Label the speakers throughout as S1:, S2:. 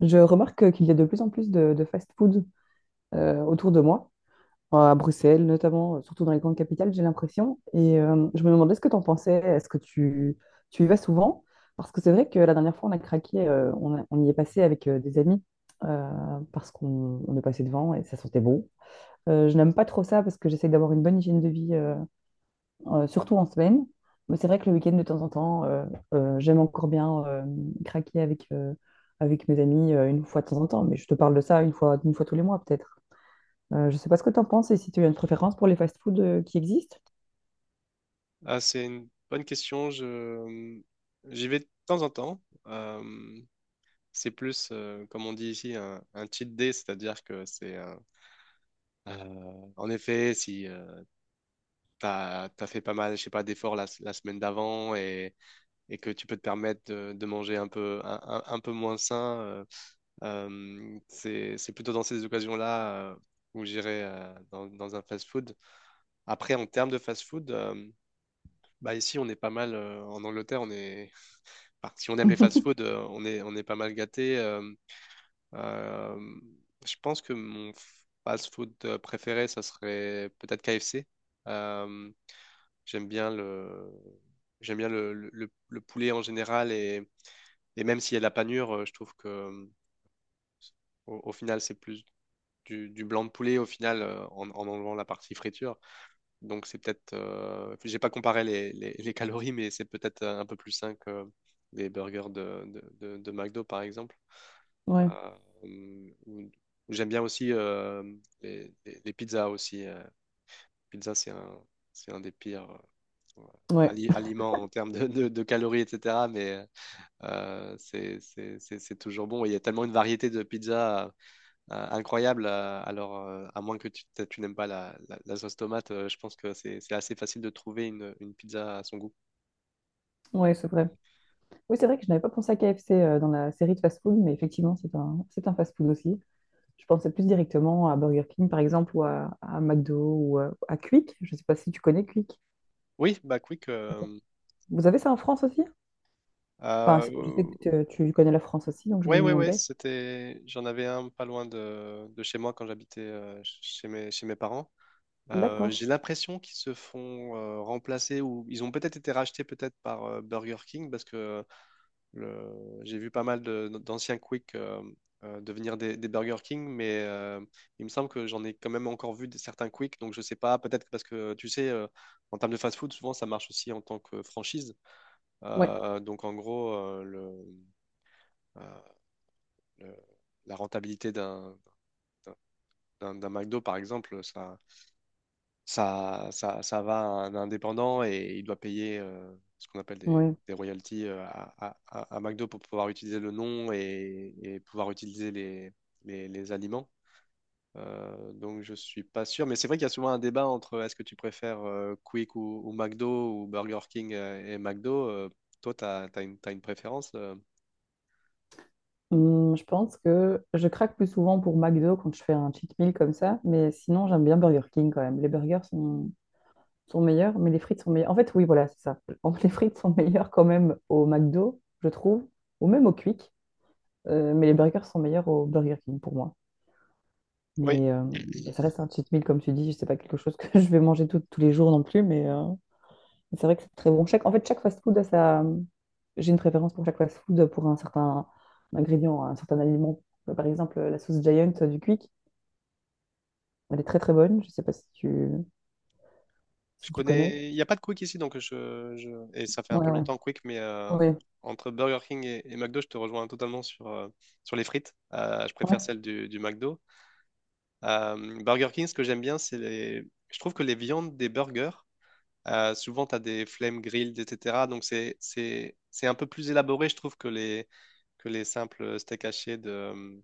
S1: Je remarque qu'il y a de plus en plus de fast-food autour de moi, à Bruxelles notamment, surtout dans les grandes capitales, j'ai l'impression. Et je me demandais ce que tu en pensais, tu y vas souvent? Parce que c'est vrai que la dernière fois, on a craqué, on y est passé avec des amis parce qu'on on est passé devant et ça sentait bon. Je n'aime pas trop ça parce que j'essaie d'avoir une bonne hygiène de vie surtout en semaine. Mais c'est vrai que le week-end, de temps en temps, j'aime encore bien craquer avec mes amis une fois de temps en temps. Mais je te parle de ça une fois tous les mois, peut-être. Je sais pas ce que tu en penses et si tu as une préférence pour les fast-foods qui existent.
S2: Ah, c'est une bonne question. J'y vais de temps en temps. Euh, c'est plus, comme on dit ici, un cheat day, c'est-à-dire que en effet, si tu as, fait pas mal, je sais pas, d'efforts la semaine d'avant et que tu peux te permettre de manger un peu, un peu moins sain, c'est plutôt dans ces occasions-là où j'irai dans un fast-food. Après, en termes de fast-food. Bah ici, on est pas mal, en Angleterre, bah, si on aime les fast-food, on est pas mal gâté. Euh, je pense que mon fast-food préféré, ça serait peut-être KFC. Euh, j'aime bien le, J'aime bien le poulet en général et même s'il y a de la panure, je trouve que au final, c'est plus du blanc de poulet au final en enlevant la partie friture. Donc j'ai pas comparé les calories, mais c'est peut-être un peu plus sain que les burgers de McDo par exemple.
S1: Ouais,
S2: Euh, ou- J'aime bien aussi les pizzas aussi. Pizza, c'est un des pires euh,
S1: ouais,
S2: aliments en termes de calories, etc. Mais c'est toujours bon. Il y a tellement une variété de pizzas incroyable. Alors, à moins que tu n'aimes pas la sauce tomate, je pense que c'est assez facile de trouver une pizza à son goût.
S1: ouais, c'est vrai. Oui, c'est vrai que je n'avais pas pensé à KFC dans la série de fast-food, mais effectivement, c'est un fast-food aussi. Je pensais plus directement à Burger King, par exemple, ou à McDo, ou à Quick. Je ne sais pas si tu connais Quick.
S2: Oui, bah quick.
S1: Vous avez ça en France aussi? Enfin, je sais
S2: euh,
S1: que tu connais la France aussi, donc je me
S2: Ouais, ouais, ouais,
S1: demandais.
S2: j'en avais un pas loin de chez moi quand j'habitais chez mes parents.
S1: D'accord.
S2: J'ai l'impression qu'ils se font remplacer ou ils ont peut-être été rachetés peut-être par Burger King parce que j'ai vu pas mal d'anciens Quick devenir des Burger King, mais il me semble que j'en ai quand même encore vu certains Quick, donc je sais pas, parce que tu sais, en termes de fast-food, souvent ça marche aussi en tant que franchise.
S1: Ouais,
S2: Donc en gros, euh, le- la rentabilité d'un McDo, par exemple, ça va à un indépendant et il doit payer ce qu'on appelle des,
S1: ouais.
S2: des royalties à McDo pour pouvoir utiliser le nom et pouvoir utiliser les aliments. Donc je suis pas sûr, mais c'est vrai qu'il y a souvent un débat entre est-ce que tu préfères Quick ou McDo ou Burger King et McDo. Toi, t'as une préférence
S1: Je pense que je craque plus souvent pour McDo quand je fais un cheat meal comme ça, mais sinon j'aime bien Burger King quand même. Sont meilleurs, mais les frites sont meilleures. En fait, oui, voilà, c'est ça. En fait, les frites sont meilleures quand même au McDo, je trouve, ou même au Quick, mais les burgers sont meilleurs au Burger King pour moi.
S2: Oui.
S1: Mais euh, ça reste un cheat meal, comme tu dis, je sais pas quelque chose que je vais manger tous les jours non plus, c'est vrai que c'est très bon. Chaque fast-food a sa... J'ai une préférence pour chaque fast-food, pour un certain ingrédient, un certain aliment. Par exemple, la sauce Giant du Quick, elle est très très bonne. Je sais pas si tu,
S2: Je
S1: si tu connais.
S2: connais. Il n'y a pas de Quick ici, et ça fait un
S1: Ouais,
S2: peu
S1: ouais.
S2: longtemps Quick, mais
S1: Oui,
S2: entre Burger King et McDo, je te rejoins totalement sur les frites. Je préfère
S1: ouais.
S2: celle du McDo. Burger King, ce que j'aime bien, c'est les. je trouve que les viandes des burgers, souvent, tu as des flame grilled, etc. Donc, c'est un peu plus élaboré, je trouve, que les simples steaks hachés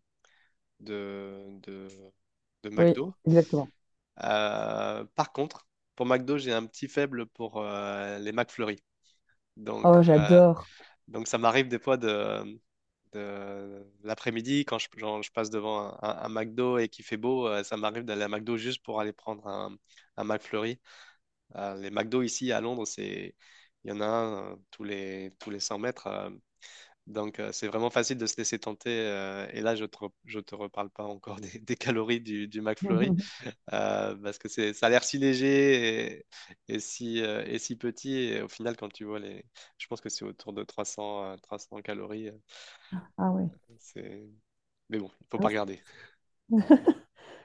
S2: de, de, de
S1: Oui,
S2: McDo.
S1: exactement.
S2: Par contre, pour McDo, j'ai un petit faible pour les McFlurry. Donc,
S1: Oh,
S2: euh,
S1: j'adore.
S2: donc ça m'arrive des fois de l'après-midi, quand genre, je passe devant un McDo et qu'il fait beau, ça m'arrive d'aller à McDo juste pour aller prendre un McFlurry. Les McDo ici à Londres, il y en a un tous les 100 mètres. Donc c'est vraiment facile de se laisser tenter. Et là, je te reparle pas encore des calories du McFlurry parce que ça a l'air si léger et si petit. Et au final, quand tu vois les. je pense que c'est autour de 300, 300 calories.
S1: Ah ouais.
S2: C'est... Mais bon, il faut
S1: Ah
S2: pas
S1: ouais.
S2: regarder.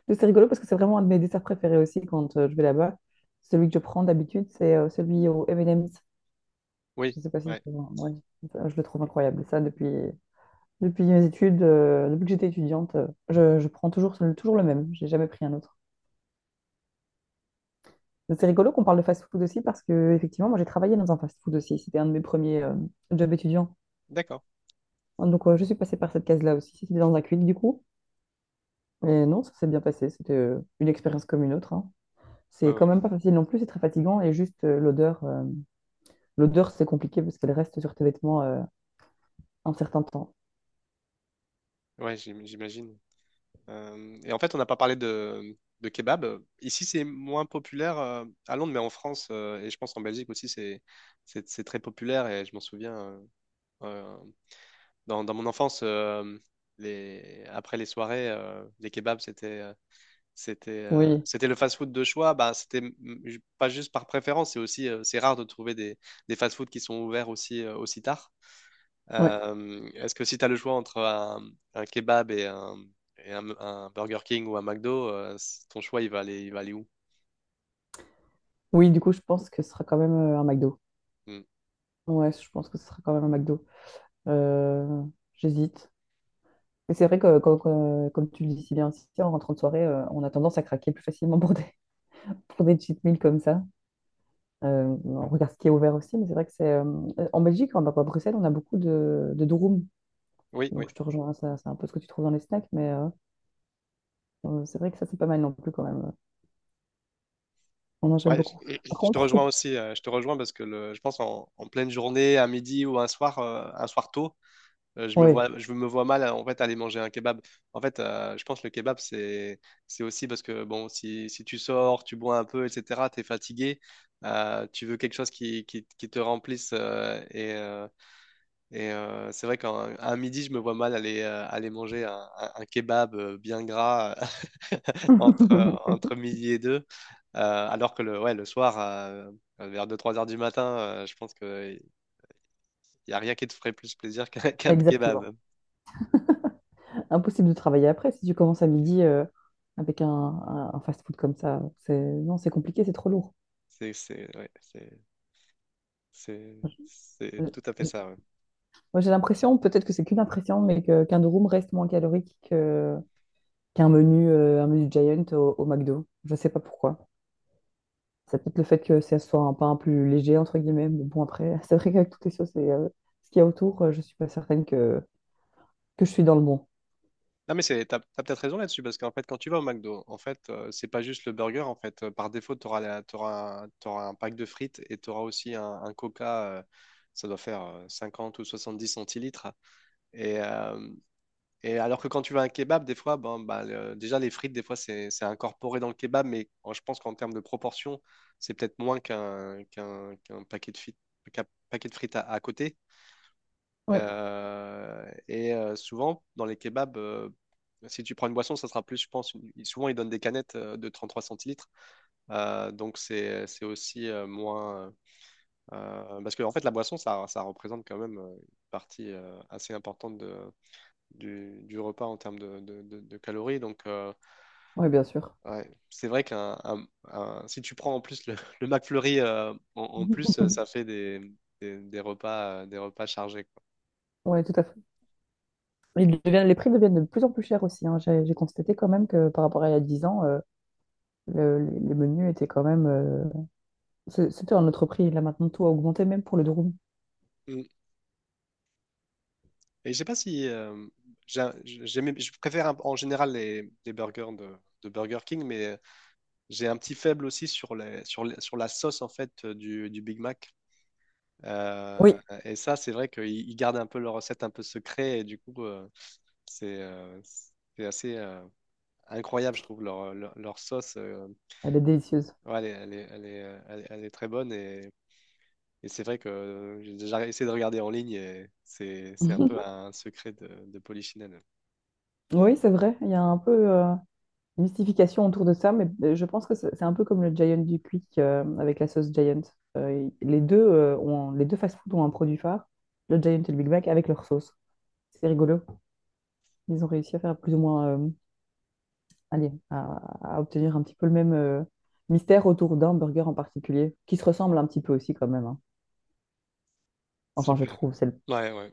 S1: Mais c'est rigolo parce que c'est vraiment un de mes desserts préférés aussi quand je vais là-bas. Celui que je prends d'habitude, c'est celui au M&M's.
S2: Oui,
S1: Je sais pas si
S2: ouais,
S1: c'est... ouais, je le trouve incroyable. Ça, depuis... Depuis mes études, depuis que j'étais étudiante, je prends toujours le même. J'ai jamais pris un autre. Donc, c'est rigolo qu'on parle de fast-food aussi parce que effectivement, moi j'ai travaillé dans un fast-food aussi. C'était un de mes premiers jobs étudiants.
S2: d'accord.
S1: Donc je suis passée par cette case-là aussi. C'était dans un Quick du coup. Mais non, ça s'est bien passé. C'était une expérience comme une autre, hein.
S2: Ouais,
S1: C'est
S2: ouais,
S1: quand même pas facile non plus. C'est très fatigant et juste l'odeur. L'odeur c'est compliqué parce qu'elle reste sur tes vêtements un certain temps.
S2: ouais, j'imagine. Et en fait, on n'a pas parlé de kebab. Ici, c'est moins populaire à Londres, mais en France, et je pense en Belgique aussi, c'est très populaire. Et je m'en souviens, euh, dans mon enfance, après les soirées, les kebabs, c'était. C'était euh,
S1: Oui,
S2: c'était le fast-food de choix. Bah, c'était pas juste par préférence, c'est rare de trouver des fast-food qui sont ouverts aussi tard.
S1: oui.
S2: Est-ce que si tu as le choix entre un kebab et un Burger King ou un McDo, ton choix il va aller où?
S1: Oui, du coup, je pense que ce sera quand même un McDo.
S2: Mm.
S1: Ouais, je pense que ce sera quand même un McDo. Euh, J'hésite. Mais c'est vrai que, comme tu le dis si bien, si en rentrant de soirée, on a tendance à craquer plus facilement pour des, pour des cheat meals comme ça. On regarde ce qui est ouvert aussi, mais c'est vrai que c'est en Belgique, à Bruxelles, on a beaucoup de durum.
S2: Oui, oui.
S1: Donc je te rejoins, ça, c'est un peu ce que tu trouves dans les snacks, c'est vrai que ça, c'est pas mal non plus quand même. On en j'aime
S2: Ouais,
S1: beaucoup. Par
S2: je te
S1: contre,
S2: rejoins
S1: tout...
S2: aussi. Je te rejoins parce que je pense en pleine journée, à midi ou un soir tôt. Je me
S1: Oui,
S2: vois, je me vois mal en fait aller manger un kebab. En fait, je pense que le kebab c'est aussi parce que bon, si tu sors, tu bois un peu, etc. T'es fatigué, tu veux quelque chose qui te remplisse et c'est vrai qu'un un midi, je me vois mal aller manger un kebab bien gras euh, entre entre midi et deux. Alors que le soir. Vers deux trois heures du matin, je pense qu'il n'y a rien qui te ferait plus plaisir qu'un
S1: exactement.
S2: kebab.
S1: Impossible de travailler après si tu commences à midi avec un fast-food comme ça. C'est... Non, c'est compliqué, c'est trop lourd.
S2: Ouais, c'est, c'est
S1: Euh,
S2: tout à fait
S1: j-
S2: ça. Ouais.
S1: Moi, j'ai l'impression, peut-être que c'est qu'une impression, mais qu'un durum reste moins calorique qu'un un menu Giant au McDo. Je sais pas pourquoi. C'est peut-être le fait que ça soit un pain plus léger, entre guillemets. Mais bon, après, c'est vrai qu'avec toutes les sauces et ce qu'il y a autour, je suis pas certaine que je suis dans le bon.
S2: Non, mais t'as peut-être raison là-dessus, parce qu'en fait, quand tu vas au McDo, en fait, c'est pas juste le burger, en fait. Par défaut, t'auras un pack de frites et tu auras aussi un Coca, ça doit faire 50 ou 10 centilitres. Et, euh, et alors que quand tu vas à un kebab, des fois, bon, bah, déjà, les frites, des fois, c'est incorporé dans le kebab, mais je pense qu'en termes de proportion, c'est peut-être moins qu'un paquet de frites, qu'un à côté.
S1: Ouais.
S2: Et souvent, dans les kebabs, si tu prends une boisson, ça sera plus, je pense. Souvent, ils donnent des canettes de 3 centilitres. Donc, c'est aussi moins. Parce que, en fait, la boisson, ça représente quand même une partie assez importante du repas en termes de calories. Donc,
S1: Ouais bien sûr.
S2: ouais, c'est vrai si tu prends en plus le McFlurry en plus, ça fait des repas chargés, quoi.
S1: Ouais tout à fait. Les prix deviennent de plus en plus chers aussi, hein. J'ai constaté quand même que par rapport à il y a 10 ans, les menus étaient quand même... C'était un autre prix. Là, maintenant, tout a augmenté, même pour le durum.
S2: Et je sais pas si je préfère en général les burgers de Burger King, mais j'ai un petit faible aussi sur la sauce en fait du Big Mac.
S1: Oui.
S2: Euh, et ça, c'est vrai qu'ils ils gardent un peu leur recette un peu secret et du coup, c'est euh, c'est assez incroyable, je trouve leur sauce.
S1: Elle est délicieuse.
S2: Ouais, elle est très bonne et c'est vrai que j'ai déjà essayé de regarder en ligne et c'est un peu un secret de Polichinelle.
S1: Oui, c'est vrai. Il y a un peu... mystification autour de ça, je pense que c'est un peu comme le Giant du Quick avec la sauce Giant. Les deux, les deux fast-food ont un produit phare, le Giant et le Big Mac, avec leur sauce. C'est rigolo. Ils ont réussi à faire plus ou moins, allez, à, à obtenir un petit peu le même mystère autour d'un burger en particulier, qui se ressemble un petit peu aussi quand même, hein. Enfin, je
S2: Super.
S1: trouve, c'est le...
S2: Ouais, ouais.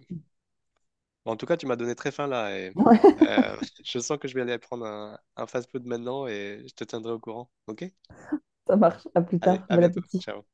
S2: Bon, en tout cas, tu m'as donné très faim là et euh, je sens que je vais aller prendre un fast-food maintenant et je te tiendrai au courant. Ok?
S1: Ça marche. À plus
S2: Allez,
S1: tard.
S2: à
S1: Bon
S2: bientôt.
S1: appétit.
S2: Ciao.